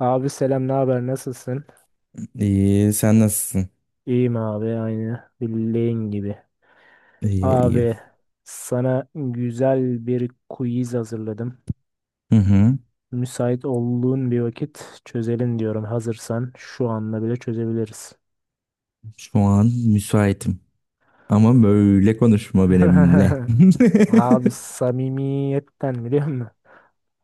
Abi selam, ne haber? Nasılsın? İyi, sen nasılsın? İyiyim abi, aynı bildiğin gibi. İyi, iyi. Abi sana güzel bir quiz hazırladım. Hı hı. Müsait olduğun bir vakit çözelim diyorum. Hazırsan şu anda bile çözebiliriz. Şu an müsaitim. Ama böyle konuşma benimle. Abi samimiyetten biliyor musun?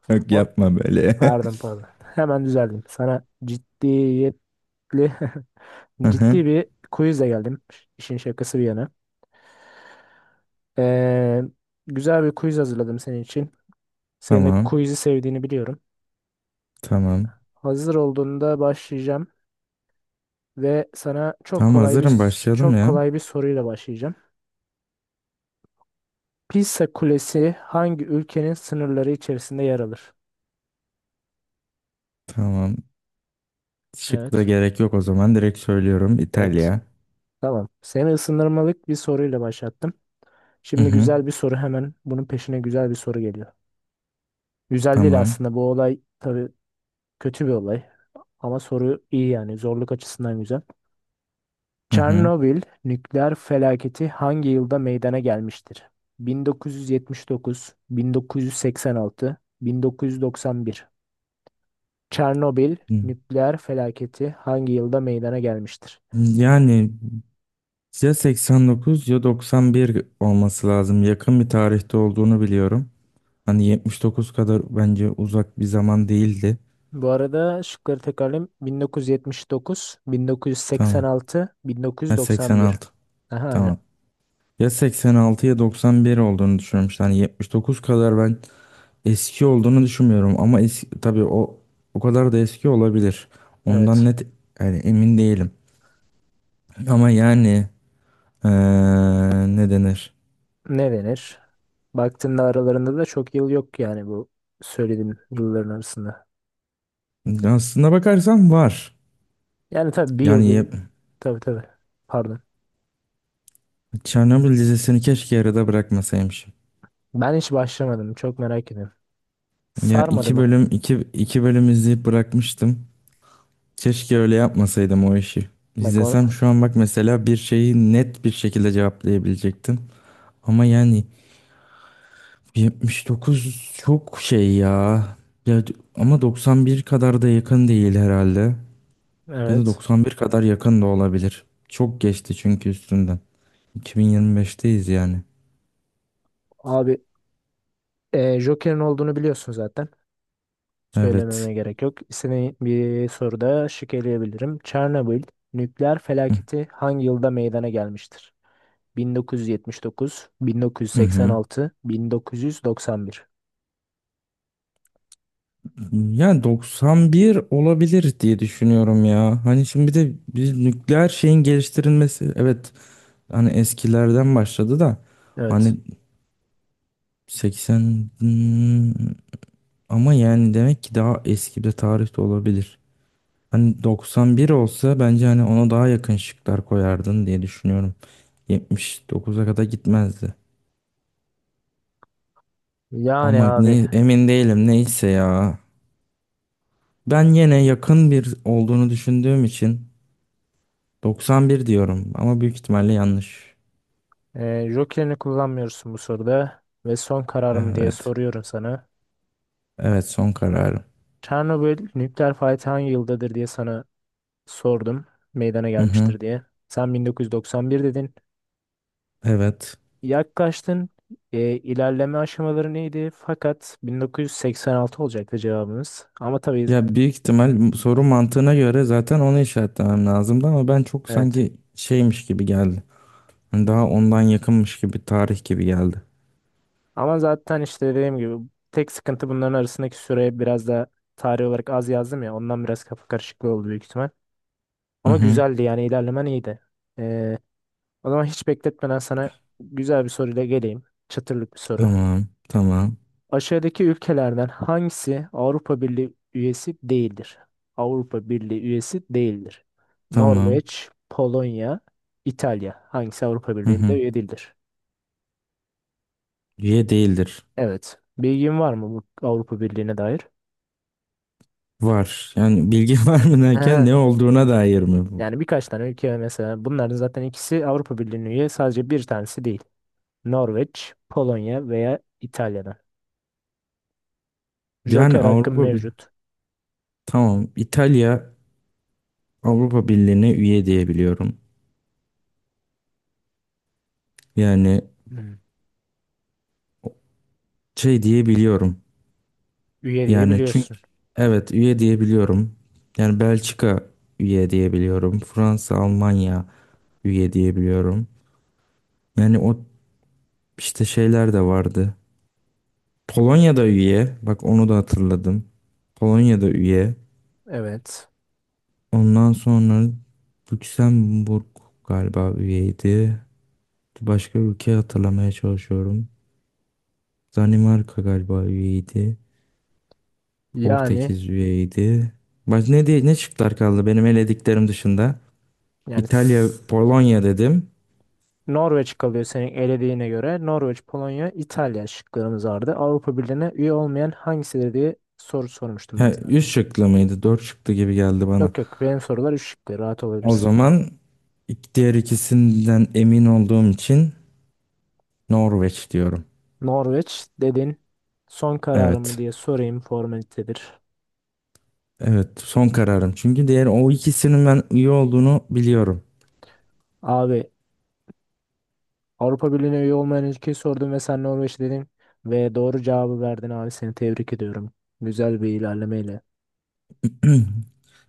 Yok O- yapma böyle. Pardon pardon. Hemen düzeldim. Sana ciddiyetli Hı hı. ciddi bir quizle geldim. İşin şakası bir yana. Ee, Güzel bir quiz hazırladım senin için. Senin de Tamam, quiz'i sevdiğini biliyorum. tamam. Hazır olduğunda başlayacağım ve sana Tamam hazırım başlayalım çok ya. kolay bir soruyla başlayacağım. Pisa Kulesi hangi ülkenin sınırları içerisinde yer alır? Tamam. Şık da Evet. gerek yok o zaman. Direkt söylüyorum. Evet. İtalya. Tamam. Seni ısındırmalık bir soruyla başlattım. Hı Şimdi hı. güzel bir soru hemen. Bunun peşine güzel bir soru geliyor. Güzel değil Tamam. aslında bu olay tabii, kötü bir olay ama soru iyi yani zorluk açısından güzel. Hı hı. Çernobil nükleer felaketi hangi yılda meydana gelmiştir? 1979, 1986, 1991. Çernobil Hı. nükleer felaketi hangi yılda meydana gelmiştir? Yani ya 89 ya 91 olması lazım. Yakın bir tarihte olduğunu biliyorum. Hani 79 kadar bence uzak bir zaman değildi. Bu arada şıkları tekrarlayayım. 1979, Tamam. 1986, Ha 1991. 86. Aha aynen. Tamam. Ya 86 ya 91 olduğunu düşünmüştüm. Hani 79 kadar ben eski olduğunu düşünmüyorum ama eski tabii o kadar da eski olabilir. Ondan Evet. net yani emin değilim. Ama yani eee, ne denir? Ne denir? Baktığında aralarında da çok yıl yok yani bu söylediğim yılların arasında. Aslında bakarsan var. Yani tabii bir yıl Yani ye- bir... Tabii tabii. Pardon. Çernobil dizisini keşke yarıda bırakmasaymışım. Ben hiç başlamadım. Çok merak ediyorum. Ya Sarmadı iki mı? bölüm iki, iki bölüm izleyip bırakmıştım. Keşke öyle yapmasaydım o işi. Bak o... İzlesem şu an bak mesela bir şeyi net bir şekilde cevaplayabilecektim. Ama yani 79 çok şey ya. Ama 91 kadar da yakın değil herhalde. Ya da Evet. 91 kadar yakın da olabilir. Çok geçti çünkü üstünden. 2025'teyiz yani. Abi, Joker'in olduğunu biliyorsun zaten. Evet. Söylememe gerek yok. Seni bir soruda şık eleyebilirim. Çernobil nükleer Hı felaketi hangi yılda meydana gelmiştir? 1979, hı. Hı. 1986, 1991. Yani 91 olabilir diye düşünüyorum ya. Hani şimdi bir de bir nükleer şeyin geliştirilmesi. Evet. Hani eskilerden başladı da Evet. hani 80 ama yani demek ki daha eski bir tarihte olabilir. Hani 91 olsa bence hani ona daha yakın şıklar koyardın diye düşünüyorum. 79'a kadar gitmezdi. Yani Ama ne, abi, emin değilim neyse ya. Ben yine yakın bir olduğunu düşündüğüm için 91 diyorum ama büyük ihtimalle yanlış. Joker'ini kullanmıyorsun bu soruda ve son kararım diye Evet. soruyorum sana. Evet son kararım. Çernobil nükleer felaketi hangi yıldadır diye sana sordum, meydana Hı hı. gelmiştir diye. Sen 1991 dedin. Evet. Yaklaştın. İlerleme aşamaları neydi? Fakat 1986 olacaktı cevabımız. Ama tabii, Ya büyük ihtimal soru mantığına göre zaten onu işaretlemem lazımdı ama ben çok evet. sanki şeymiş gibi geldi. Hani daha ondan yakınmış gibi tarih gibi geldi. Ama zaten işte dediğim gibi tek sıkıntı bunların arasındaki süreye biraz da tarih olarak az yazdım ya. Ondan biraz kafa karışıklığı oldu büyük ihtimal. Hı Ama hı. güzeldi yani ilerlemen iyiydi. E, O zaman hiç bekletmeden sana güzel bir soruyla geleyim. Çıtırlık bir soru. Tamam. Tamam. Aşağıdaki ülkelerden hangisi Avrupa Birliği üyesi değildir? Avrupa Birliği üyesi değildir. Tamam. Norveç, Polonya, İtalya. Hangisi Avrupa Hı Birliği'nde hı. üye değildir? Üye değildir. Evet. Bilgin var mı bu Avrupa Birliği'ne dair? Var. Yani bilgi var mı derken Aha. ne olduğuna dair mi bu? Yani birkaç tane ülke mesela, bunların zaten ikisi Avrupa Birliği'ne üye, sadece bir tanesi değil. Norveç, Polonya veya İtalya'dan. Yani Joker hakkın Avrupa Bir- mevcut. tamam. İtalya Avrupa Birliği'ne üye diye biliyorum. Yani Hmm. şey diye biliyorum. Üye diye Yani çünkü biliyorsun. evet üye diyebiliyorum. Yani Belçika üye diyebiliyorum. Fransa, Almanya üye diyebiliyorum. Yani o işte şeyler de vardı. Polonya'da üye. Bak onu da hatırladım. Polonya'da üye. Evet. Ondan sonra Lüksemburg galiba üyeydi. Başka ülke hatırlamaya çalışıyorum. Danimarka galiba üyeydi. Yani Portekiz üyeydi. Bak ne diye ne çıktılar kaldı benim elediklerim dışında. yani İtalya, Polonya dedim. Norveç kalıyor senin elediğine göre. Norveç, Polonya, İtalya şıklarımız vardı. Avrupa Birliği'ne üye olmayan hangisidir diye soru sormuştum ben Ha, sana. üç şıklı mıydı? Dört şıklı gibi geldi bana. Yok yok, benim sorular üç şıklı, rahat O olabilirsin. zaman ik- diğer ikisinden emin olduğum için Norveç diyorum. Norveç dedin. Son kararımı Evet. diye sorayım, formalitedir. Evet, son kararım. Çünkü diğer o ikisinin ben iyi olduğunu biliyorum. Abi, Avrupa Birliği'ne üye olmayan ülkeyi sordum ve sen Norveç dedin. Ve doğru cevabı verdin abi, seni tebrik ediyorum. Güzel bir ilerlemeyle.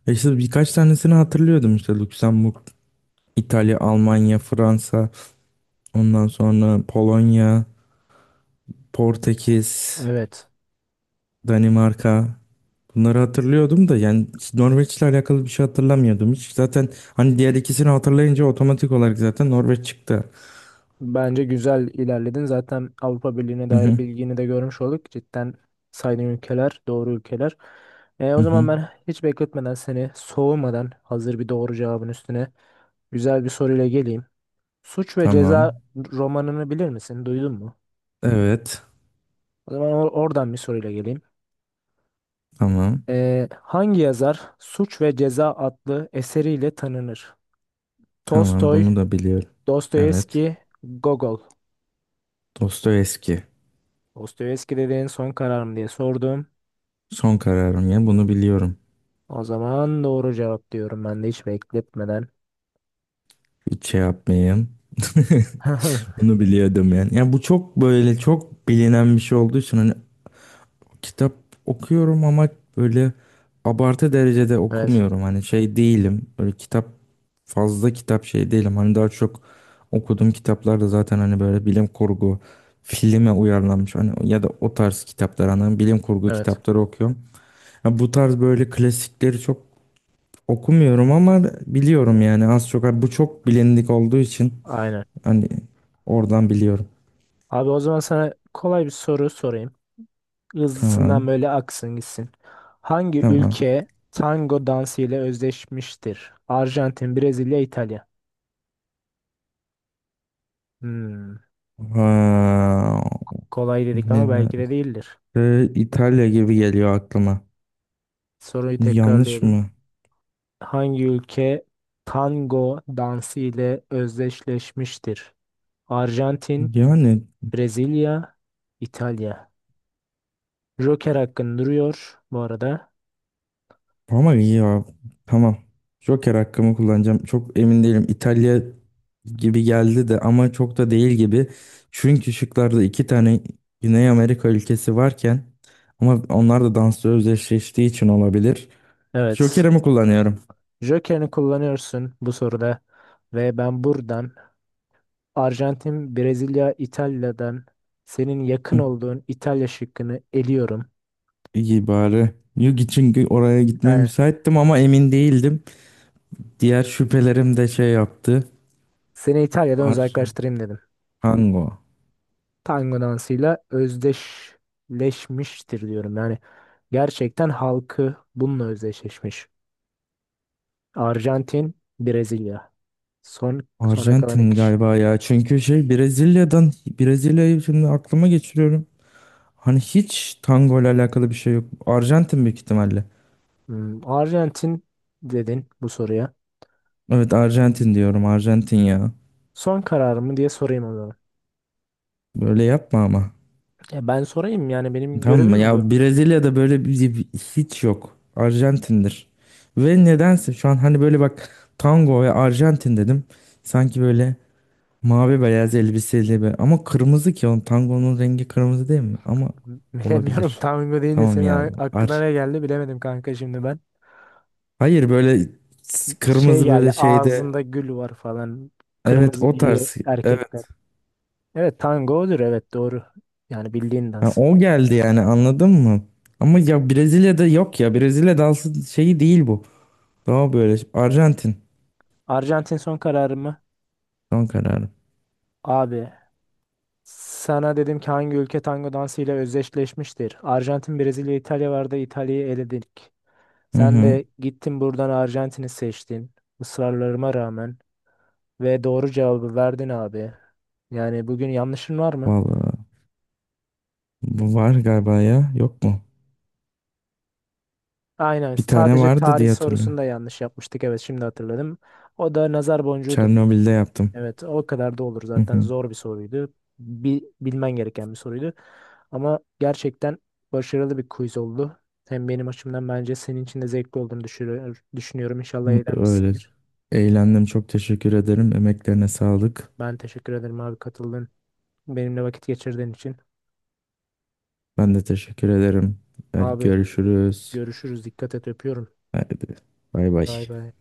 E, İşte birkaç tanesini hatırlıyordum. İşte Lüksemburg, İtalya, Almanya, Fransa, ondan sonra Polonya, Portekiz, Evet. Danimarka. Bunları hatırlıyordum da yani Norveç'le alakalı bir şey hatırlamıyordum hiç. Zaten hani diğer ikisini hatırlayınca otomatik olarak zaten Norveç çıktı. Bence güzel ilerledin. Zaten Avrupa Birliği'ne Hı dair hı, bilgini de görmüş olduk. Cidden saydığın ülkeler, doğru ülkeler. O hı zaman hı. ben hiç bekletmeden, seni soğumadan, hazır bir doğru cevabın üstüne güzel bir soruyla geleyim. Suç ve Tamam. Ceza romanını bilir misin? Duydun mu? Evet. O zaman oradan bir soruyla geleyim. Tamam. Hangi yazar Suç ve Ceza adlı eseriyle tanınır? Tamam Tolstoy, bunu da biliyorum. Evet. Dostoyevski, Gogol. Dostoyevski. Dostoyevski dediğin, son kararım diye sordum. Son kararım ya bunu biliyorum. O zaman doğru cevap diyorum ben de hiç bekletmeden. Hiç şey yapmayayım. Bunu biliyordum yani. Ya bu çok böyle çok bilinen bir şey olduğu için hani kitap okuyorum ama böyle abartı derecede Evet. okumuyorum. Hani şey değilim. Böyle fazla kitap şey değilim. Hani daha çok okuduğum kitaplar da zaten hani böyle bilim kurgu filme uyarlanmış. Hani ya da o tarz kitaplar hani bilim kurgu Evet. kitapları okuyorum. Ha, bu tarz böyle klasikleri çok okumuyorum ama biliyorum yani az çok. Ha, bu çok bilindik olduğu için Aynen. hani oradan biliyorum. Abi o zaman sana kolay bir soru sorayım. Tamam. Hızlısından böyle aksın gitsin. Hangi Tamam. ülke tango dansı ile özdeşmiştir? Arjantin, Brezilya, İtalya. Hmm, Ha, Kolay dedik ama ne? belki de değildir. İtalya gibi geliyor aklıma. Soruyu Yanlış tekrarlıyorum. mı? Hangi ülke tango dansı ile özdeşleşmiştir? Arjantin, Yani Brezilya, İtalya. Joker hakkın duruyor bu arada. ama iyi ya. Tamam. Joker hakkımı kullanacağım. Çok emin değilim. İtalya gibi geldi de ama çok da değil gibi. Çünkü şıklarda iki tane Güney Amerika ülkesi varken ama onlar da dansla özdeşleştiği için olabilir. Evet. Joker'imi kullanıyorum. Joker'ini kullanıyorsun bu soruda. Ve ben buradan Arjantin, Brezilya, İtalya'dan senin yakın Hı, olduğun İtalya şıkkını eliyorum. İyi bari. Yok çünkü oraya gitmeye Yani müsaittim ama emin değildim. Diğer şüphelerim de şey yaptı. seni İtalya'dan uzaklaştırayım dedim. Arjantango. Tango dansıyla özdeşleşmiştir diyorum. Yani gerçekten halkı bununla özdeşleşmiş. Arjantin, Brezilya. Son sona kalan iki Arjantin kişi. galiba ya. Çünkü Brezilya'yı şimdi aklıma geçiriyorum. Hani hiç tango ile alakalı bir şey yok. Arjantin büyük ihtimalle. Arjantin dedin bu soruya. Evet Arjantin diyorum. Arjantin ya. Son kararımı diye sorayım o zaman. Böyle yapma ama. Ya ben sorayım yani, benim Tamam mı? görevim bu. Ya Brezilya'da hiç yok. Arjantin'dir. Ve nedense şu an hani böyle bak tango ve Arjantin dedim. Sanki böyle mavi beyaz elbiseli böyle. Ama kırmızı ki onun tangonun rengi kırmızı değil mi? Ama Bilemiyorum, olabilir. tango deyince Tamam senin ya. Aklına Ar ne geldi bilemedim kanka şimdi ben. Hayır böyle Şey kırmızı geldi, böyle şeyde. ağzında gül var falan. Evet Kırmızı o giyiyor tarz. erkekler. Evet. Evet tango odur, evet doğru. Yani bildiğin Ha, dans. o geldi yani anladın mı? Ama ya Brezilya'da yok ya. Brezilya dansı şeyi değil bu. Daha böyle Arjantin. Arjantin son kararı mı? Son kararım. Abi sana dedim ki hangi ülke tango dansıyla özdeşleşmiştir? Arjantin, Brezilya, İtalya vardı. İtalya'yı eledik. Hı Sen hı. de gittin buradan Arjantin'i seçtin. Israrlarıma rağmen. Ve doğru cevabı verdin abi. Yani bugün yanlışın var mı? Vallahi bu var galiba ya. Yok mu? Aynen. Bir tane Sadece vardı tarih diye hatırlıyorum. sorusunda yanlış yapmıştık. Evet, şimdi hatırladım. O da nazar boncuğudur. Çernobil'de yaptım. Evet, o kadar da olur Hı zaten. hı. Zor bir soruydu. Bilmen gereken bir soruydu. Ama gerçekten başarılı bir quiz oldu. Hem benim açımdan, bence senin için de zevkli olduğunu düşünüyorum. İnşallah Öyle. eğlenmişsindir. Eğlendim. Çok teşekkür ederim. Emeklerine sağlık. Ben teşekkür ederim abi, katıldın benimle vakit geçirdiğin için. Ben de teşekkür ederim. Hadi Abi görüşürüz. görüşürüz. Dikkat et, öpüyorum. Hadi. Bay bay. Bay bay.